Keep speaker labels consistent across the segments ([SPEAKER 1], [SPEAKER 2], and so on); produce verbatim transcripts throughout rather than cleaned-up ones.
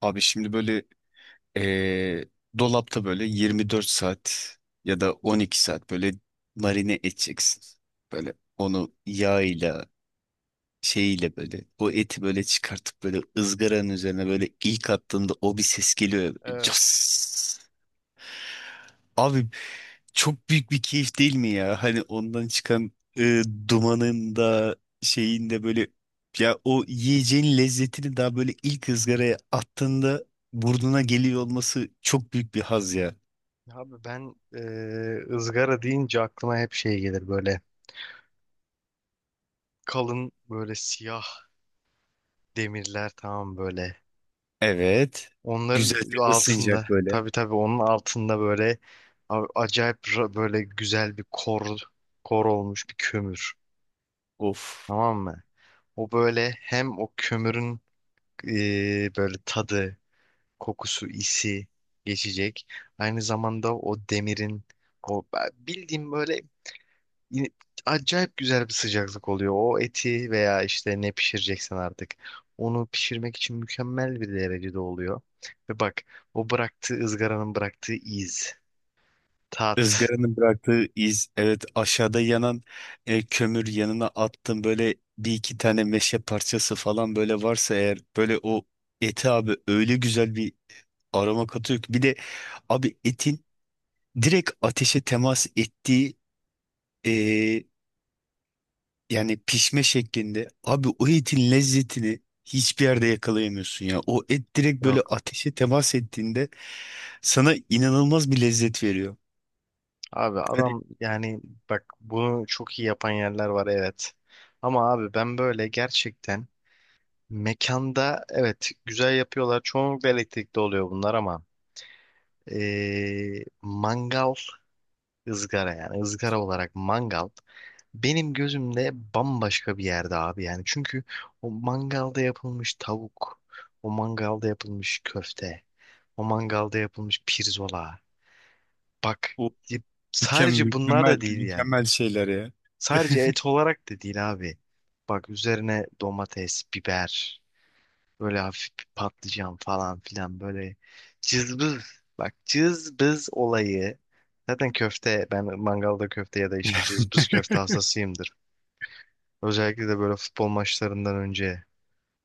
[SPEAKER 1] Abi şimdi böyle eee, dolapta böyle yirmi dört saat ya da on iki saat böyle marine edeceksin. Böyle onu yağıyla şeyiyle böyle o eti böyle çıkartıp böyle ızgaranın üzerine böyle ilk attığında o bir ses geliyor, ya, böyle
[SPEAKER 2] Evet.
[SPEAKER 1] cas. Abi çok büyük bir keyif değil mi ya? Hani ondan çıkan e, dumanın da şeyin de böyle, ya o yiyeceğin lezzetini daha böyle ilk ızgaraya attığında burnuna geliyor olması çok büyük bir haz ya.
[SPEAKER 2] Abi ben e, ızgara deyince aklıma hep şey gelir böyle kalın böyle siyah demirler, tamam böyle.
[SPEAKER 1] Evet.
[SPEAKER 2] Onların
[SPEAKER 1] Güzelce
[SPEAKER 2] altında,
[SPEAKER 1] ısınacak böyle.
[SPEAKER 2] tabii tabii, onun altında böyle a- acayip ra- böyle güzel bir kor kor olmuş bir kömür,
[SPEAKER 1] Of.
[SPEAKER 2] tamam mı? O böyle hem o kömürün e, böyle tadı, kokusu, isi geçecek. Aynı zamanda o demirin o bildiğim böyle, yine acayip güzel bir sıcaklık oluyor. O eti veya işte ne pişireceksen artık, onu pişirmek için mükemmel bir derecede oluyor. Ve bak, o bıraktığı ızgaranın bıraktığı iz, tat
[SPEAKER 1] Izgaranın bıraktığı iz, evet, aşağıda yanan e, kömür yanına attım böyle bir iki tane meşe parçası falan, böyle varsa eğer böyle o eti abi öyle güzel bir aroma katıyor ki, bir de abi etin direkt ateşe temas ettiği e, yani pişme şeklinde, abi o etin lezzetini hiçbir yerde yakalayamıyorsun ya, o et direkt böyle
[SPEAKER 2] yok.
[SPEAKER 1] ateşe temas ettiğinde sana inanılmaz bir lezzet veriyor.
[SPEAKER 2] Abi
[SPEAKER 1] Hani
[SPEAKER 2] adam yani, bak bunu çok iyi yapan yerler var, evet. Ama abi ben böyle gerçekten, mekanda evet güzel yapıyorlar. Çoğunlukla elektrikli oluyor bunlar ama ee, mangal, ızgara, yani ızgara olarak mangal benim gözümde bambaşka bir yerde abi yani. Çünkü o mangalda yapılmış tavuk, o mangalda yapılmış köfte, o mangalda yapılmış pirzola. Bak,
[SPEAKER 1] o
[SPEAKER 2] y-
[SPEAKER 1] mükemmel,
[SPEAKER 2] sadece bunlar
[SPEAKER 1] mükemmel,
[SPEAKER 2] da değil yani.
[SPEAKER 1] mükemmel şeyler ya.
[SPEAKER 2] Sadece et olarak da değil abi. Bak, üzerine domates, biber, böyle hafif bir patlıcan falan filan, böyle cızbız. Bak, cızbız olayı. Zaten köfte, ben mangalda köfte ya da işte cızbız köfte hastasıyımdır. Özellikle de böyle futbol maçlarından önce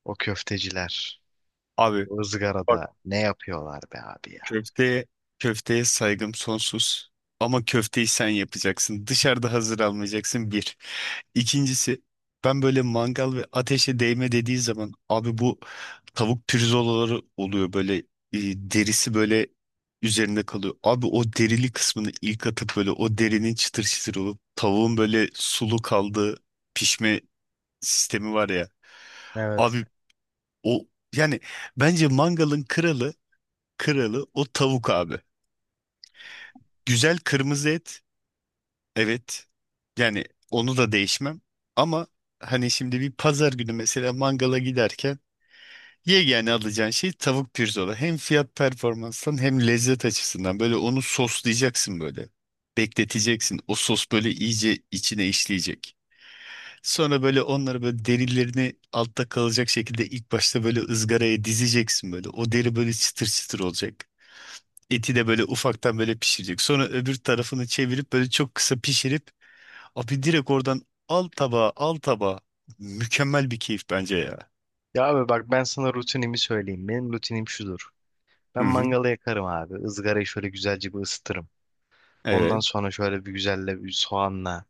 [SPEAKER 2] o köfteciler
[SPEAKER 1] Abi
[SPEAKER 2] o
[SPEAKER 1] bak,
[SPEAKER 2] ızgarada ne yapıyorlar be abi ya.
[SPEAKER 1] köfteye köfteye saygım sonsuz. Ama köfteyi sen yapacaksın. Dışarıda hazır almayacaksın, bir. İkincisi, ben böyle mangal ve ateşe değme dediği zaman abi bu tavuk pirzolaları oluyor böyle, e, derisi böyle üzerinde kalıyor. Abi o derili kısmını ilk atıp böyle o derinin çıtır çıtır olup tavuğun böyle sulu kaldığı pişme sistemi var ya.
[SPEAKER 2] Evet.
[SPEAKER 1] Abi o, yani bence mangalın kralı, kralı o tavuk abi. Güzel kırmızı et. Evet. Yani onu da değişmem. Ama hani şimdi bir pazar günü mesela mangala giderken yegane alacağın şey tavuk pirzola. Hem fiyat performanstan hem lezzet açısından böyle onu soslayacaksın böyle. Bekleteceksin. O sos böyle iyice içine işleyecek. Sonra böyle onları böyle derilerini altta kalacak şekilde ilk başta böyle ızgaraya dizeceksin böyle. O deri böyle çıtır çıtır olacak. Eti de böyle ufaktan böyle pişirecek. Sonra öbür tarafını çevirip böyle çok kısa pişirip abi direkt oradan, al tabağa, al tabağa. Mükemmel bir keyif bence ya.
[SPEAKER 2] Ya abi bak, ben sana rutinimi söyleyeyim. Benim rutinim şudur.
[SPEAKER 1] Hı
[SPEAKER 2] Ben
[SPEAKER 1] hı.
[SPEAKER 2] mangalı yakarım abi. Izgarayı şöyle güzelce bir ısıtırım. Ondan
[SPEAKER 1] Evet.
[SPEAKER 2] sonra şöyle bir güzelle bir soğanla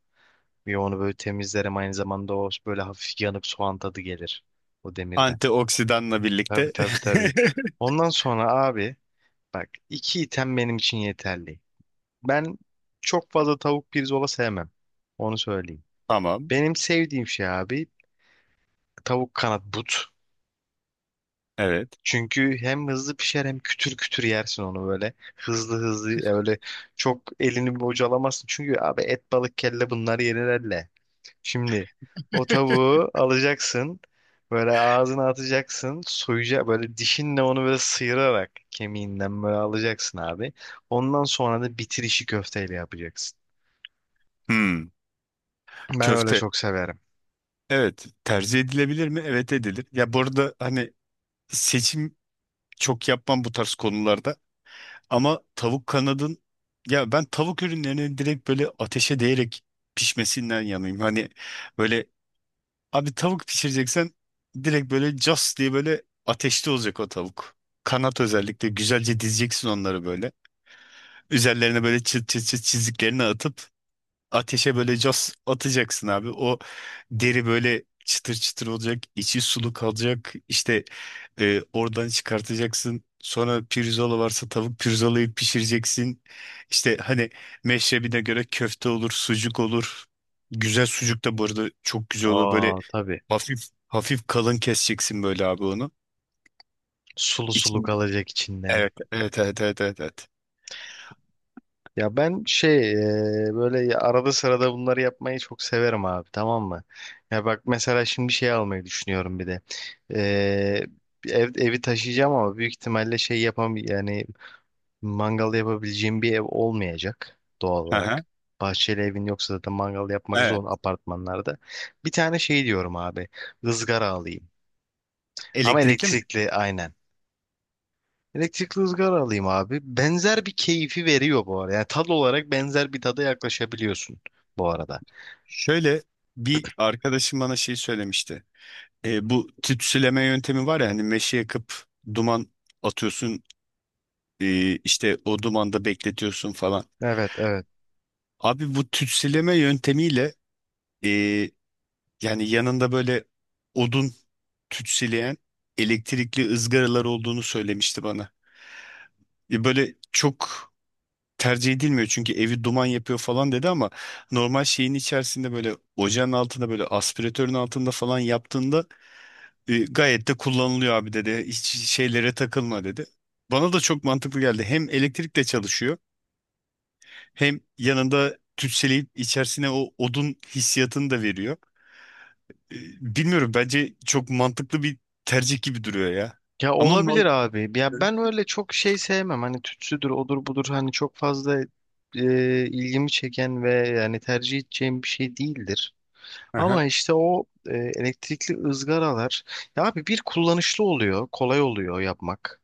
[SPEAKER 2] bir onu böyle temizlerim. Aynı zamanda o böyle hafif yanıp soğan tadı gelir o demirden.
[SPEAKER 1] Antioksidanla
[SPEAKER 2] Tabii
[SPEAKER 1] birlikte.
[SPEAKER 2] tabii tabii. Ondan sonra abi, bak, iki item benim için yeterli. Ben çok fazla tavuk pirzola sevmem. Onu söyleyeyim.
[SPEAKER 1] Tamam.
[SPEAKER 2] Benim sevdiğim şey abi, tavuk kanat but.
[SPEAKER 1] Evet.
[SPEAKER 2] Çünkü hem hızlı pişer hem kütür kütür yersin onu böyle. Hızlı hızlı öyle, çok elini bocalamazsın. Çünkü abi, et balık kelle bunlar yenir elle. Şimdi o tavuğu alacaksın. Böyle ağzına atacaksın. Soyacak böyle dişinle, onu böyle sıyırarak kemiğinden böyle alacaksın abi. Ondan sonra da bitirişi köfteyle yapacaksın.
[SPEAKER 1] Hmm.
[SPEAKER 2] Ben öyle
[SPEAKER 1] Köfte.
[SPEAKER 2] çok severim.
[SPEAKER 1] Evet. Tercih edilebilir mi? Evet, edilir. Ya bu arada hani seçim çok yapmam bu tarz konularda. Ama tavuk kanadın, ya ben tavuk ürünlerinin direkt böyle ateşe değerek pişmesinden yanayım. Hani böyle, abi tavuk pişireceksen direkt böyle cas diye böyle ateşte olacak o tavuk. Kanat, özellikle güzelce dizeceksin onları böyle. Üzerlerine böyle çıt çıt çıt çiziklerini atıp ateşe böyle cas atacaksın abi. O deri böyle çıtır çıtır olacak, içi sulu kalacak. İşte e, oradan çıkartacaksın. Sonra pirzola varsa tavuk pirzolayı pişireceksin. İşte hani meşrebine göre köfte olur, sucuk olur. Güzel sucuk da bu arada çok güzel olur. Böyle
[SPEAKER 2] Aa tabii.
[SPEAKER 1] hafif hafif kalın keseceksin böyle abi onu.
[SPEAKER 2] Sulu sulu
[SPEAKER 1] İçinde.
[SPEAKER 2] kalacak içinde.
[SPEAKER 1] Evet, evet, evet, evet, evet, evet.
[SPEAKER 2] Ya ben şey, e, böyle ya- arada sırada bunları yapmayı çok severim abi, tamam mı? Ya bak mesela, şimdi şey almayı düşünüyorum bir de. E, ev, evi taşıyacağım ama büyük ihtimalle şey, yapam yani, mangal yapabileceğim bir ev olmayacak doğal
[SPEAKER 1] Aha,
[SPEAKER 2] olarak. Bahçeli evin yoksa zaten mangal yapmak zor
[SPEAKER 1] evet.
[SPEAKER 2] apartmanlarda. Bir tane şey diyorum abi, ızgara alayım. Ama
[SPEAKER 1] Elektrikli mi?
[SPEAKER 2] elektrikli, aynen. Elektrikli ızgara alayım abi. Benzer bir keyfi veriyor bu arada. Yani tad olarak benzer bir tada yaklaşabiliyorsun bu arada.
[SPEAKER 1] Şöyle, bir arkadaşım bana şey söylemişti. E, bu tütsüleme yöntemi var ya, hani meşe yakıp duman atıyorsun, e, işte o dumanda bekletiyorsun falan.
[SPEAKER 2] Evet evet.
[SPEAKER 1] Abi bu tütsüleme yöntemiyle, e, yani yanında böyle odun tütsüleyen elektrikli ızgaralar olduğunu söylemişti bana. E, böyle çok tercih edilmiyor çünkü evi duman yapıyor falan dedi ama normal şeyin içerisinde böyle ocağın altında böyle aspiratörün altında falan yaptığında e, gayet de kullanılıyor abi dedi. Hiç şeylere takılma dedi. Bana da çok mantıklı geldi. Hem elektrikle çalışıyor hem yanında tütseleyip içerisine o odun hissiyatını da veriyor. E, Bilmiyorum, bence çok mantıklı bir tercih gibi duruyor ya.
[SPEAKER 2] Ya
[SPEAKER 1] Ama
[SPEAKER 2] olabilir
[SPEAKER 1] normal.
[SPEAKER 2] abi. Ya ben öyle çok şey sevmem. Hani tütsüdür, odur budur. Hani çok fazla e, ilgimi çeken ve yani tercih edeceğim bir şey değildir.
[SPEAKER 1] Hı.
[SPEAKER 2] Ama işte o e, elektrikli ızgaralar, ya abi, bir kullanışlı oluyor, kolay oluyor yapmak.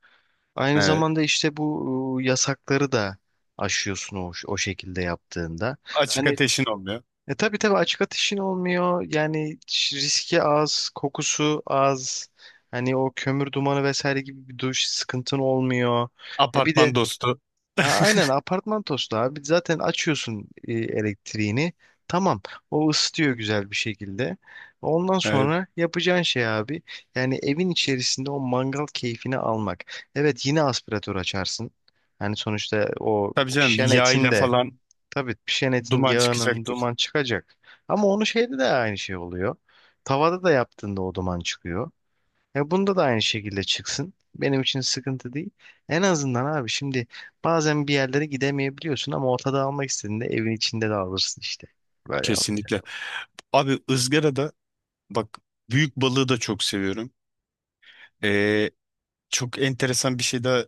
[SPEAKER 2] Aynı
[SPEAKER 1] Evet.
[SPEAKER 2] zamanda işte bu e, yasakları da aşıyorsun o, o şekilde yaptığında.
[SPEAKER 1] Açık
[SPEAKER 2] Hani,
[SPEAKER 1] ateşin olmuyor.
[SPEAKER 2] e tabii tabii açık ateşin olmuyor. Yani ş- riski az, kokusu az. Hani o kömür dumanı vesaire gibi bir duş sıkıntın olmuyor. E bir de,
[SPEAKER 1] Apartman dostu.
[SPEAKER 2] ya aynen, apartman tostu abi. Zaten açıyorsun e, elektriğini. Tamam. O ısıtıyor güzel bir şekilde. Ondan
[SPEAKER 1] Evet.
[SPEAKER 2] sonra yapacağın şey abi, yani evin içerisinde o mangal keyfini almak. Evet, yine aspiratör açarsın. Yani sonuçta o
[SPEAKER 1] Tabii canım,
[SPEAKER 2] pişen
[SPEAKER 1] yağ
[SPEAKER 2] etin
[SPEAKER 1] ile
[SPEAKER 2] de,
[SPEAKER 1] falan
[SPEAKER 2] tabii pişenetin
[SPEAKER 1] duman
[SPEAKER 2] yağının
[SPEAKER 1] çıkacaktır.
[SPEAKER 2] duman çıkacak. Ama onu şeyde de aynı şey oluyor. Tavada da yaptığında o duman çıkıyor. E bunda da aynı şekilde çıksın. Benim için sıkıntı değil. En azından abi, şimdi bazen bir yerlere gidemeyebiliyorsun ama ortada almak istediğinde evin içinde de alırsın işte. Böyle yap.
[SPEAKER 1] Kesinlikle. Abi ızgarada, bak, büyük balığı da çok seviyorum. Ee, çok enteresan bir şey daha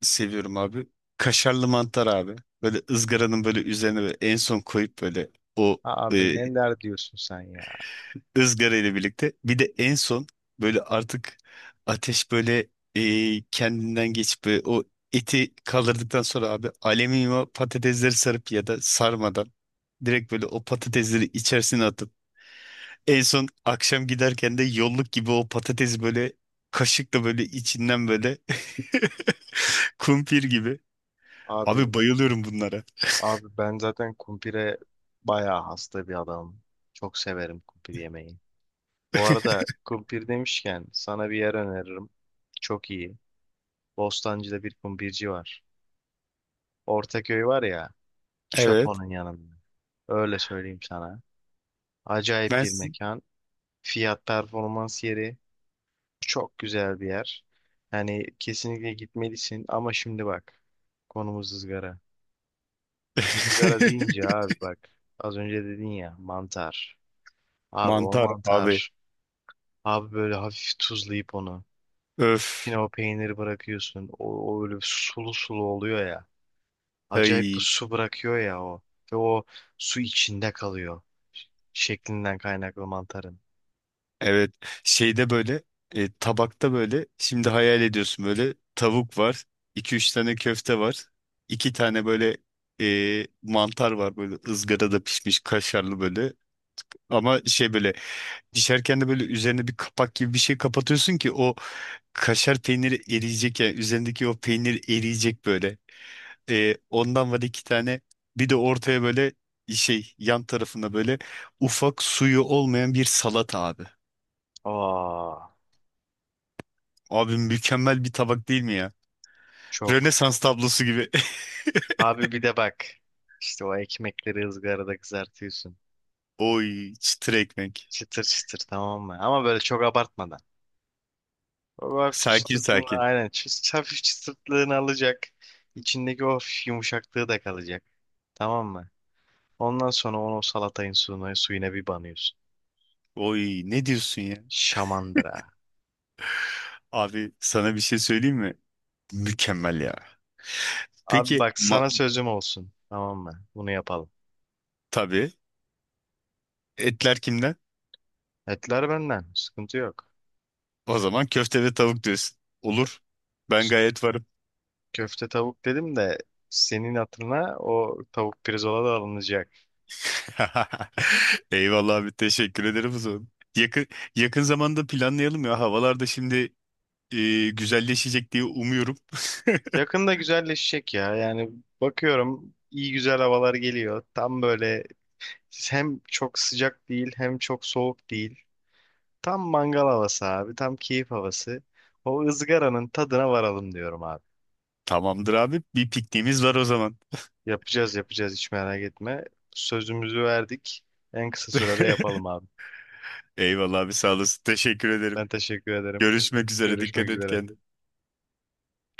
[SPEAKER 1] seviyorum abi. Kaşarlı mantar abi. Böyle ızgaranın böyle üzerine böyle en son koyup böyle o
[SPEAKER 2] Abi
[SPEAKER 1] e,
[SPEAKER 2] neler diyorsun sen ya?
[SPEAKER 1] ızgara ile birlikte. Bir de en son böyle artık ateş böyle e, kendinden geçip böyle o eti kaldırdıktan sonra abi alüminyum patatesleri sarıp ya da sarmadan direkt böyle o patatesleri içerisine atıp en son akşam giderken de yolluk gibi o patatesi böyle kaşıkla böyle içinden böyle kumpir gibi.
[SPEAKER 2] Abi,
[SPEAKER 1] Abi bayılıyorum bunlara.
[SPEAKER 2] abi ben zaten kumpire bayağı hasta bir adamım. Çok severim kumpir yemeği. Bu arada kumpir demişken sana bir yer öneririm. Çok iyi. Bostancı'da bir kumbirci var. Ortaköy var ya, çöp
[SPEAKER 1] Evet.
[SPEAKER 2] onun yanında. Öyle söyleyeyim sana. Acayip
[SPEAKER 1] Ben
[SPEAKER 2] bir
[SPEAKER 1] s-
[SPEAKER 2] mekan. Fiyat performans yeri. Çok güzel bir yer. Yani kesinlikle gitmelisin ama şimdi bak. Konumuz ızgara. Izgara deyince abi bak, az önce dedin ya mantar. Abi o
[SPEAKER 1] mantar abi.
[SPEAKER 2] mantar. Abi böyle hafif tuzlayıp onu. Yine
[SPEAKER 1] Öf.
[SPEAKER 2] o peyniri bırakıyorsun. O, o öyle sulu sulu oluyor ya. Acayip bir
[SPEAKER 1] Ay.
[SPEAKER 2] su bırakıyor ya o. Ve o su içinde kalıyor. Ş- Şeklinden kaynaklı mantarın.
[SPEAKER 1] Evet. Şeyde böyle e, tabakta böyle şimdi hayal ediyorsun böyle, tavuk var. İki üç tane köfte var. İki tane böyle e, mantar var böyle ızgarada pişmiş kaşarlı böyle. Ama şey böyle, pişerken de böyle üzerine bir kapak gibi bir şey kapatıyorsun ki o kaşar peyniri eriyecek ya, üzerindeki o peynir eriyecek böyle. Ee, ondan var iki tane, bir de ortaya böyle şey, yan tarafına böyle ufak suyu olmayan bir salata abi.
[SPEAKER 2] Aa,
[SPEAKER 1] Abi mükemmel bir tabak değil mi ya?
[SPEAKER 2] çok.
[SPEAKER 1] Rönesans tablosu gibi.
[SPEAKER 2] Abi bir de bak. İşte o ekmekleri ızgarada kızartıyorsun.
[SPEAKER 1] Oy, çıtır ekmek.
[SPEAKER 2] Çıtır çıtır, tamam mı? Ama böyle çok abartmadan. O hafif
[SPEAKER 1] Sakin
[SPEAKER 2] çıtırtını
[SPEAKER 1] sakin.
[SPEAKER 2] aynen. çı- Hafif çıtırtlığını alacak. İçindeki o hafif yumuşaklığı da kalacak. Tamam mı? Ondan sonra onu o salatayın suyuna, suyuna bir banıyorsun.
[SPEAKER 1] Oy, ne diyorsun ya?
[SPEAKER 2] Şamandıra.
[SPEAKER 1] Abi sana bir şey söyleyeyim mi? Mükemmel ya.
[SPEAKER 2] Abi
[SPEAKER 1] Peki
[SPEAKER 2] bak,
[SPEAKER 1] ma-
[SPEAKER 2] sana sözüm olsun. Tamam mı? Bunu yapalım.
[SPEAKER 1] tabii. Etler kimden?
[SPEAKER 2] Etler benden. Sıkıntı yok.
[SPEAKER 1] O zaman köfte ve tavuk diyorsun. Olur. Ben gayet varım.
[SPEAKER 2] Köfte tavuk dedim de, senin hatırına o tavuk pirzola da alınacak.
[SPEAKER 1] Eyvallah abi, teşekkür ederim o zaman. Yakın, yakın zamanda planlayalım ya. Havalar da şimdi e, güzelleşecek diye umuyorum.
[SPEAKER 2] Yakında güzelleşecek ya. Yani bakıyorum iyi güzel havalar geliyor. Tam böyle, hem çok sıcak değil hem çok soğuk değil. Tam mangal havası abi. Tam keyif havası. O ızgaranın tadına varalım diyorum abi.
[SPEAKER 1] Tamamdır abi. Bir pikniğimiz var o zaman.
[SPEAKER 2] Yapacağız yapacağız, hiç merak etme. Sözümüzü verdik. En kısa sürede yapalım abi.
[SPEAKER 1] Eyvallah abi, sağ olasın. Teşekkür ederim.
[SPEAKER 2] Ben teşekkür ederim.
[SPEAKER 1] Görüşmek üzere.
[SPEAKER 2] Görüşmek
[SPEAKER 1] Dikkat et
[SPEAKER 2] üzere.
[SPEAKER 1] kendine.